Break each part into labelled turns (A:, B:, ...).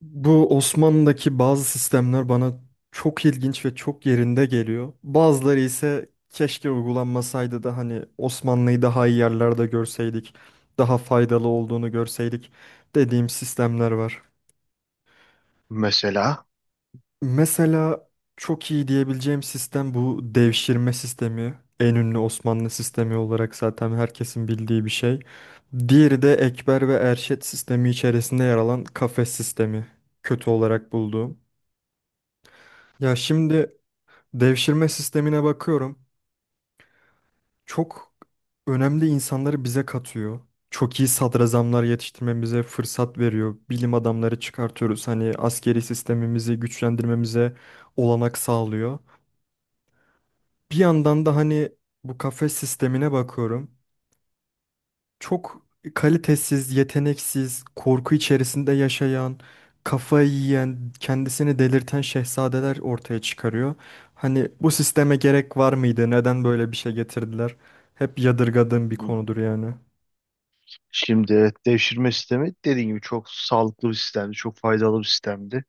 A: Bu Osmanlı'daki bazı sistemler bana çok ilginç ve çok yerinde geliyor. Bazıları ise keşke uygulanmasaydı da hani Osmanlı'yı daha iyi yerlerde görseydik, daha faydalı olduğunu görseydik dediğim sistemler var.
B: Mesela
A: Mesela çok iyi diyebileceğim sistem bu devşirme sistemi. En ünlü Osmanlı sistemi olarak zaten herkesin bildiği bir şey. Diğeri de Ekber ve Erşet sistemi içerisinde yer alan kafes sistemi. Kötü olarak bulduğum. Ya şimdi devşirme sistemine bakıyorum. Çok önemli insanları bize katıyor. Çok iyi sadrazamlar yetiştirmemize fırsat veriyor. Bilim adamları çıkartıyoruz. Hani askeri sistemimizi güçlendirmemize olanak sağlıyor. Bir yandan da hani bu kafes sistemine bakıyorum. Çok kalitesiz, yeteneksiz, korku içerisinde yaşayan, kafayı yiyen, kendisini delirten şehzadeler ortaya çıkarıyor. Hani bu sisteme gerek var mıydı? Neden böyle bir şey getirdiler? Hep yadırgadığım bir konudur yani.
B: şimdi devşirme sistemi dediğim gibi çok sağlıklı bir sistemdi, çok faydalı bir sistemdi.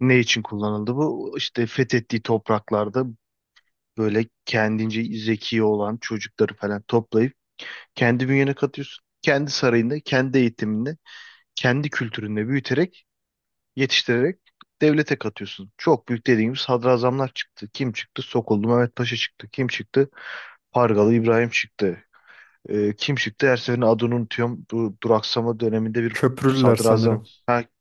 B: Ne için kullanıldı bu? İşte fethettiği topraklarda böyle kendince zeki olan çocukları falan toplayıp kendi bünyene katıyorsun. Kendi sarayında, kendi eğitiminde, kendi kültüründe büyüterek, yetiştirerek devlete katıyorsun. Çok büyük dediğimiz sadrazamlar çıktı. Kim çıktı? Sokullu Mehmet Paşa çıktı. Kim çıktı? Pargalı İbrahim çıktı. Kim çıktı? Her seferinde adını unutuyorum. Bu duraksama döneminde bir
A: Köprülüler
B: sadrazam.
A: sanırım.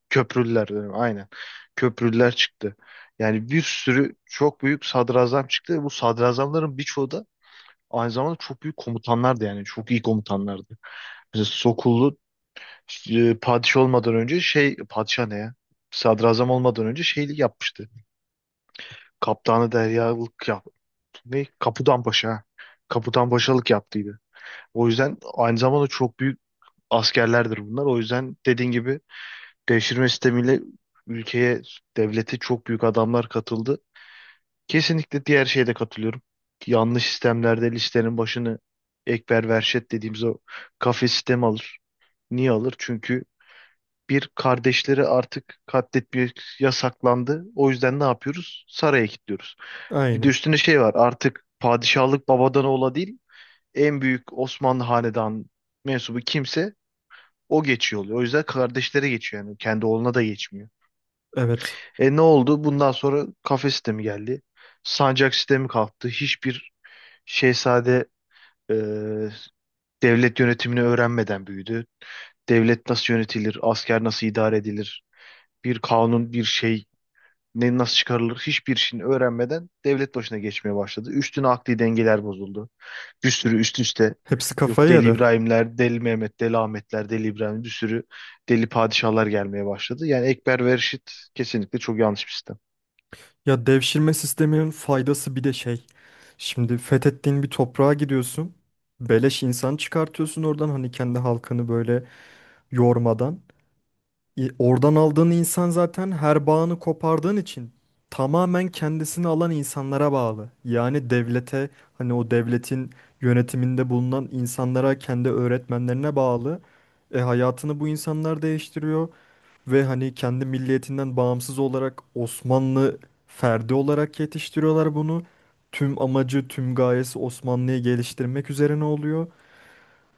B: Köprülüler dönemi. Aynen. Köprülüler çıktı. Yani bir sürü çok büyük sadrazam çıktı. Bu sadrazamların birçoğu da aynı zamanda çok büyük komutanlardı yani. Çok iyi komutanlardı. Mesela Sokullu padişah olmadan önce şey padişah ne ya? Sadrazam olmadan önce şeylik yapmıştı. Kaptanı deryalık yaptı. Ne? Kapudan Paşa. Ha. Kaputan Paşalık yaptıydı. O yüzden aynı zamanda çok büyük askerlerdir bunlar. O yüzden dediğin gibi devşirme sistemiyle ülkeye, devlete çok büyük adamlar katıldı. Kesinlikle diğer şeye de katılıyorum. Yanlış sistemlerde listenin başını ekber verşet dediğimiz o kafes sistemi alır. Niye alır? Çünkü bir kardeşleri artık katletmek yasaklandı. O yüzden ne yapıyoruz? Saraya kilitliyoruz. Bir de
A: Aynen.
B: üstüne şey var. Artık padişahlık babadan oğula değil, en büyük Osmanlı hanedan mensubu kimse o geçiyor oluyor. O yüzden kardeşlere geçiyor yani. Kendi oğluna da geçmiyor.
A: Evet.
B: E ne oldu? Bundan sonra kafe sistemi geldi. Sancak sistemi kalktı. Hiçbir şehzade e, devlet yönetimini öğrenmeden büyüdü. Devlet nasıl yönetilir? Asker nasıl idare edilir? Bir kanun, bir şey ne nasıl çıkarılır? Hiçbir şeyini öğrenmeden devlet başına geçmeye başladı. Üstüne akli dengeler bozuldu. Bir sürü üst üste
A: Hepsi
B: yok
A: kafayı
B: Deli
A: yedi.
B: İbrahimler, Deli Mehmet, Deli Ahmetler, Deli İbrahim bir sürü deli padişahlar gelmeye başladı. Yani Ekber ve Reşit kesinlikle çok yanlış bir sistem.
A: Ya devşirme sisteminin faydası bir de şey. Şimdi fethettiğin bir toprağa gidiyorsun. Beleş insan çıkartıyorsun oradan hani kendi halkını böyle yormadan. Oradan aldığın insan zaten her bağını kopardığın için tamamen kendisini alan insanlara bağlı. Yani devlete, hani o devletin yönetiminde bulunan insanlara, kendi öğretmenlerine bağlı. Hayatını bu insanlar değiştiriyor ve hani kendi milliyetinden bağımsız olarak Osmanlı ferdi olarak yetiştiriyorlar bunu. Tüm amacı, tüm gayesi Osmanlı'yı geliştirmek üzerine oluyor.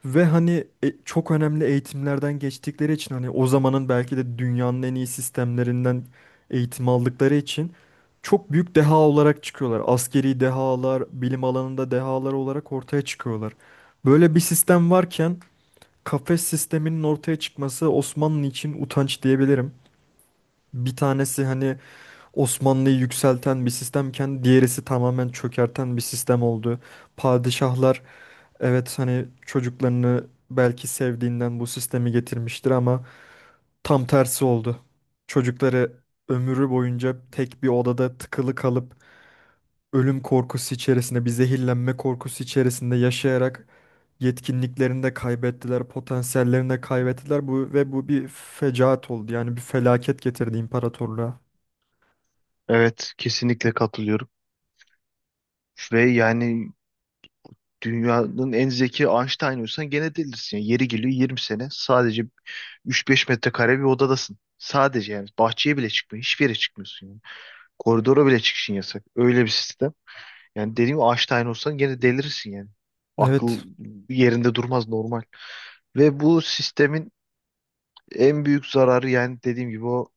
A: Ve hani çok önemli eğitimlerden geçtikleri için hani o zamanın belki de dünyanın en iyi sistemlerinden eğitim aldıkları için çok büyük deha olarak çıkıyorlar. Askeri dehalar, bilim alanında dehalar olarak ortaya çıkıyorlar. Böyle bir sistem varken kafes sisteminin ortaya çıkması Osmanlı için utanç diyebilirim. Bir tanesi hani Osmanlı'yı yükselten bir sistemken diğerisi tamamen çökerten bir sistem oldu. Padişahlar evet hani çocuklarını belki sevdiğinden bu sistemi getirmiştir ama tam tersi oldu. Çocukları ömrü boyunca tek bir odada tıkılı kalıp ölüm korkusu içerisinde, bir zehirlenme korkusu içerisinde yaşayarak yetkinliklerini de kaybettiler, potansiyellerini de kaybettiler bu ve bu bir fecaat oldu. Yani bir felaket getirdi imparatorluğa.
B: Evet, kesinlikle katılıyorum. Ve yani dünyanın en zeki Einstein olsan gene delisin. Yani yeri geliyor 20 sene sadece 3-5 metrekare bir odadasın. Sadece yani bahçeye bile çıkmıyor. Hiçbir yere çıkmıyorsun yani. Koridora bile çıkışın yasak. Öyle bir sistem. Yani dediğim gibi Einstein olsan gene delirirsin yani. Akıl
A: Evet.
B: yerinde durmaz normal. Ve bu sistemin en büyük zararı yani dediğim gibi o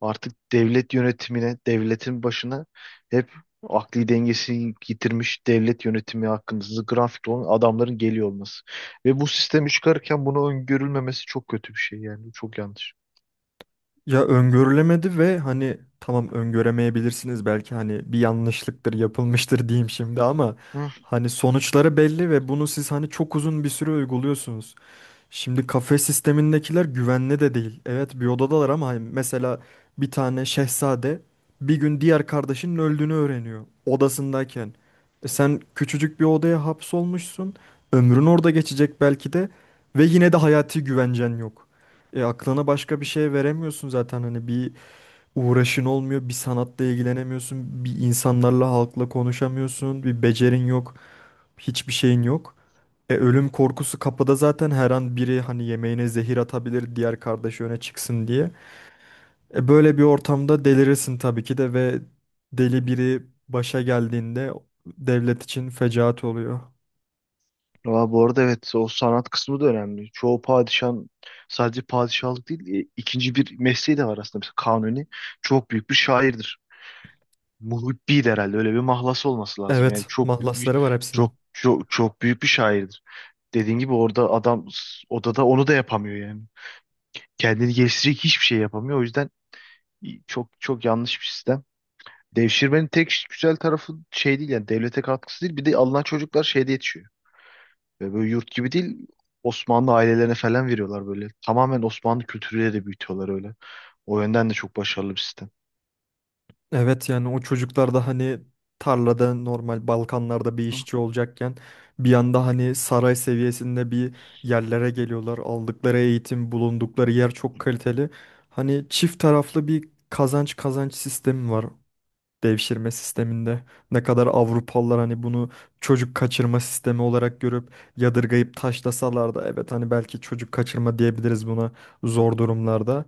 B: artık devlet yönetimine, devletin başına hep akli dengesini yitirmiş devlet yönetimi hakkında grafik olan adamların geliyor olması. Ve bu sistemi çıkarken bunu öngörülmemesi çok kötü bir şey yani. Çok yanlış.
A: Ya öngörülemedi ve hani tamam öngöremeyebilirsiniz belki hani bir yanlışlıktır yapılmıştır diyeyim şimdi ama hani sonuçları belli ve bunu siz hani çok uzun bir süre uyguluyorsunuz. Şimdi kafe sistemindekiler güvenli de değil. Evet bir odadalar ama hani mesela bir tane şehzade bir gün diğer kardeşinin öldüğünü öğreniyor odasındayken. E sen küçücük bir odaya hapsolmuşsun. Ömrün orada geçecek belki de ve yine de hayati güvencen yok. E aklına başka bir şey veremiyorsun zaten hani bir uğraşın olmuyor, bir sanatla ilgilenemiyorsun, bir insanlarla halkla konuşamıyorsun, bir becerin yok, hiçbir şeyin yok. Ölüm korkusu kapıda zaten her an biri hani yemeğine zehir atabilir diğer kardeşi öne çıksın diye. Böyle bir ortamda delirirsin tabii ki de ve deli biri başa geldiğinde devlet için fecaat oluyor.
B: Aa, bu arada evet o sanat kısmı da önemli. Çoğu padişahın sadece padişahlık değil ikinci bir mesleği de var aslında. Mesela Kanuni çok büyük bir şairdir. Muhibbi'ydi herhalde öyle bir mahlası olması lazım. Yani
A: Evet,
B: çok büyük bir,
A: mahlasları var hepsinin.
B: çok büyük bir şairdir. Dediğin gibi orada adam odada onu da yapamıyor yani. Kendini geliştirecek hiçbir şey yapamıyor. O yüzden çok çok yanlış bir sistem. Devşirmenin tek güzel tarafı şey değil yani devlete katkısı değil. Bir de alınan çocuklar şeyde yetişiyor. Ve böyle yurt gibi değil, Osmanlı ailelerine falan veriyorlar böyle. Tamamen Osmanlı kültürüyle de büyütüyorlar öyle. O yönden de çok başarılı bir sistem.
A: Evet yani o çocuklar da hani tarlada normal Balkanlarda bir işçi olacakken bir anda hani saray seviyesinde bir yerlere geliyorlar. Aldıkları eğitim, bulundukları yer çok kaliteli. Hani çift taraflı bir kazanç sistemi var devşirme sisteminde. Ne kadar Avrupalılar hani bunu çocuk kaçırma sistemi olarak görüp yadırgayıp taşlasalar da evet hani belki çocuk kaçırma diyebiliriz buna zor durumlarda.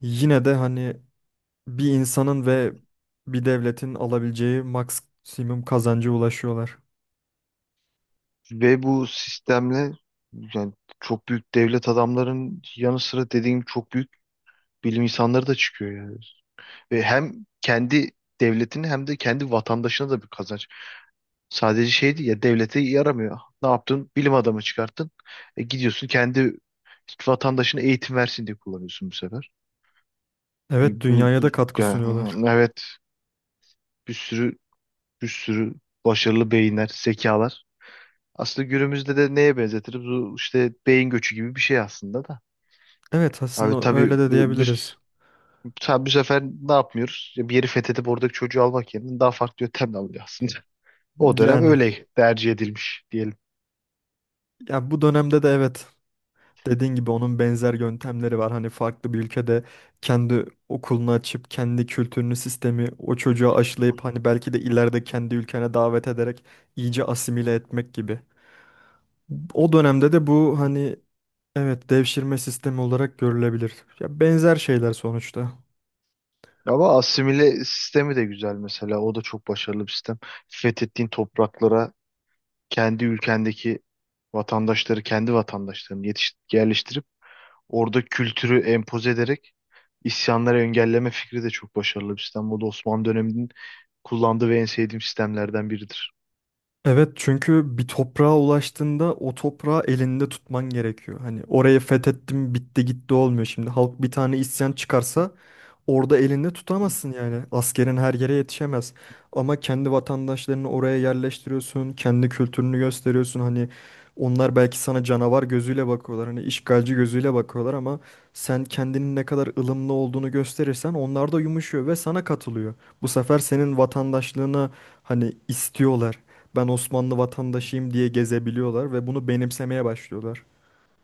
A: Yine de hani bir insanın ve bir devletin alabileceği maksimum kazancı ulaşıyorlar.
B: Ve bu sistemle yani çok büyük devlet adamların yanı sıra dediğim çok büyük bilim insanları da çıkıyor yani. Ve hem kendi devletini hem de kendi vatandaşına da bir kazanç. Sadece şeydi ya devlete yaramıyor. Ne yaptın? Bilim adamı çıkarttın. E, gidiyorsun kendi vatandaşına eğitim versin diye kullanıyorsun bu sefer.
A: Evet,
B: Bu,
A: dünyaya
B: bu
A: da katkı sunuyorlar.
B: yani, evet. Bir sürü bir sürü başarılı beyinler, zekalar. Aslında günümüzde de neye benzetiriz? Bu işte beyin göçü gibi bir şey aslında da.
A: Evet,
B: Abi
A: aslında
B: tabii
A: öyle de diyebiliriz.
B: biz tabii bu sefer ne yapmıyoruz? Bir yeri fethedip oradaki çocuğu almak yerine daha farklı yöntemle alıyor aslında. O dönem
A: Yani
B: öyle tercih edilmiş diyelim.
A: ya bu dönemde de evet dediğin gibi onun benzer yöntemleri var. Hani farklı bir ülkede kendi okulunu açıp kendi kültürünü, sistemi o çocuğa aşılayıp hani belki de ileride kendi ülkene davet ederek iyice asimile etmek gibi. O dönemde de bu hani evet, devşirme sistemi olarak görülebilir. Ya benzer şeyler sonuçta.
B: Ama asimile sistemi de güzel mesela. O da çok başarılı bir sistem. Fethettiğin topraklara kendi ülkendeki vatandaşları, kendi vatandaşlarını yerleştirip orada kültürü empoze ederek isyanları engelleme fikri de çok başarılı bir sistem. Bu da Osmanlı döneminin kullandığı ve en sevdiğim sistemlerden biridir.
A: Evet çünkü bir toprağa ulaştığında o toprağı elinde tutman gerekiyor. Hani orayı fethettim bitti gitti olmuyor. Şimdi halk bir tane isyan çıkarsa orada elinde tutamazsın yani. Askerin her yere yetişemez. Ama kendi vatandaşlarını oraya yerleştiriyorsun, kendi kültürünü gösteriyorsun. Hani onlar belki sana canavar gözüyle bakıyorlar, hani işgalci gözüyle bakıyorlar ama sen kendinin ne kadar ılımlı olduğunu gösterirsen onlar da yumuşuyor ve sana katılıyor. Bu sefer senin vatandaşlığını hani istiyorlar. Ben Osmanlı vatandaşıyım diye gezebiliyorlar ve bunu benimsemeye başlıyorlar.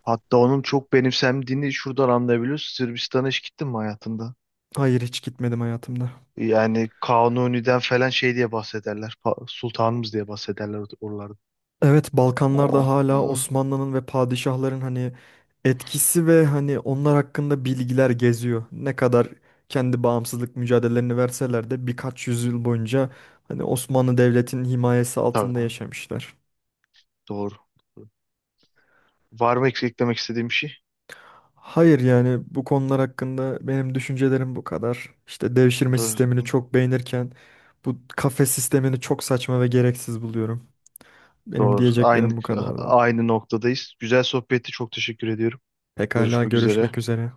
B: Hatta onun çok benimsendiğini şuradan anlayabiliyoruz. Sırbistan'a hiç gittin mi hayatında?
A: Hayır hiç gitmedim hayatımda.
B: Yani Kanuni'den falan şey diye bahsederler. Sultanımız diye bahsederler oralarda.
A: Evet Balkanlarda
B: Oh.
A: hala
B: Hmm.
A: Osmanlı'nın ve padişahların hani etkisi ve hani onlar hakkında bilgiler geziyor. Ne kadar kendi bağımsızlık mücadelelerini verseler de birkaç yüzyıl boyunca hani Osmanlı Devleti'nin himayesi altında
B: Tabii.
A: yaşamışlar.
B: Doğru. Var mı eklemek istediğim bir şey?
A: Hayır yani bu konular hakkında benim düşüncelerim bu kadar. İşte devşirme
B: Doğru.
A: sistemini çok beğenirken bu kafe sistemini çok saçma ve gereksiz buluyorum. Benim
B: Doğru. Aynı
A: diyeceklerim bu kadardı.
B: aynı noktadayız. Güzel sohbetti. Çok teşekkür ediyorum.
A: Pekala,
B: Görüşmek üzere.
A: görüşmek üzere.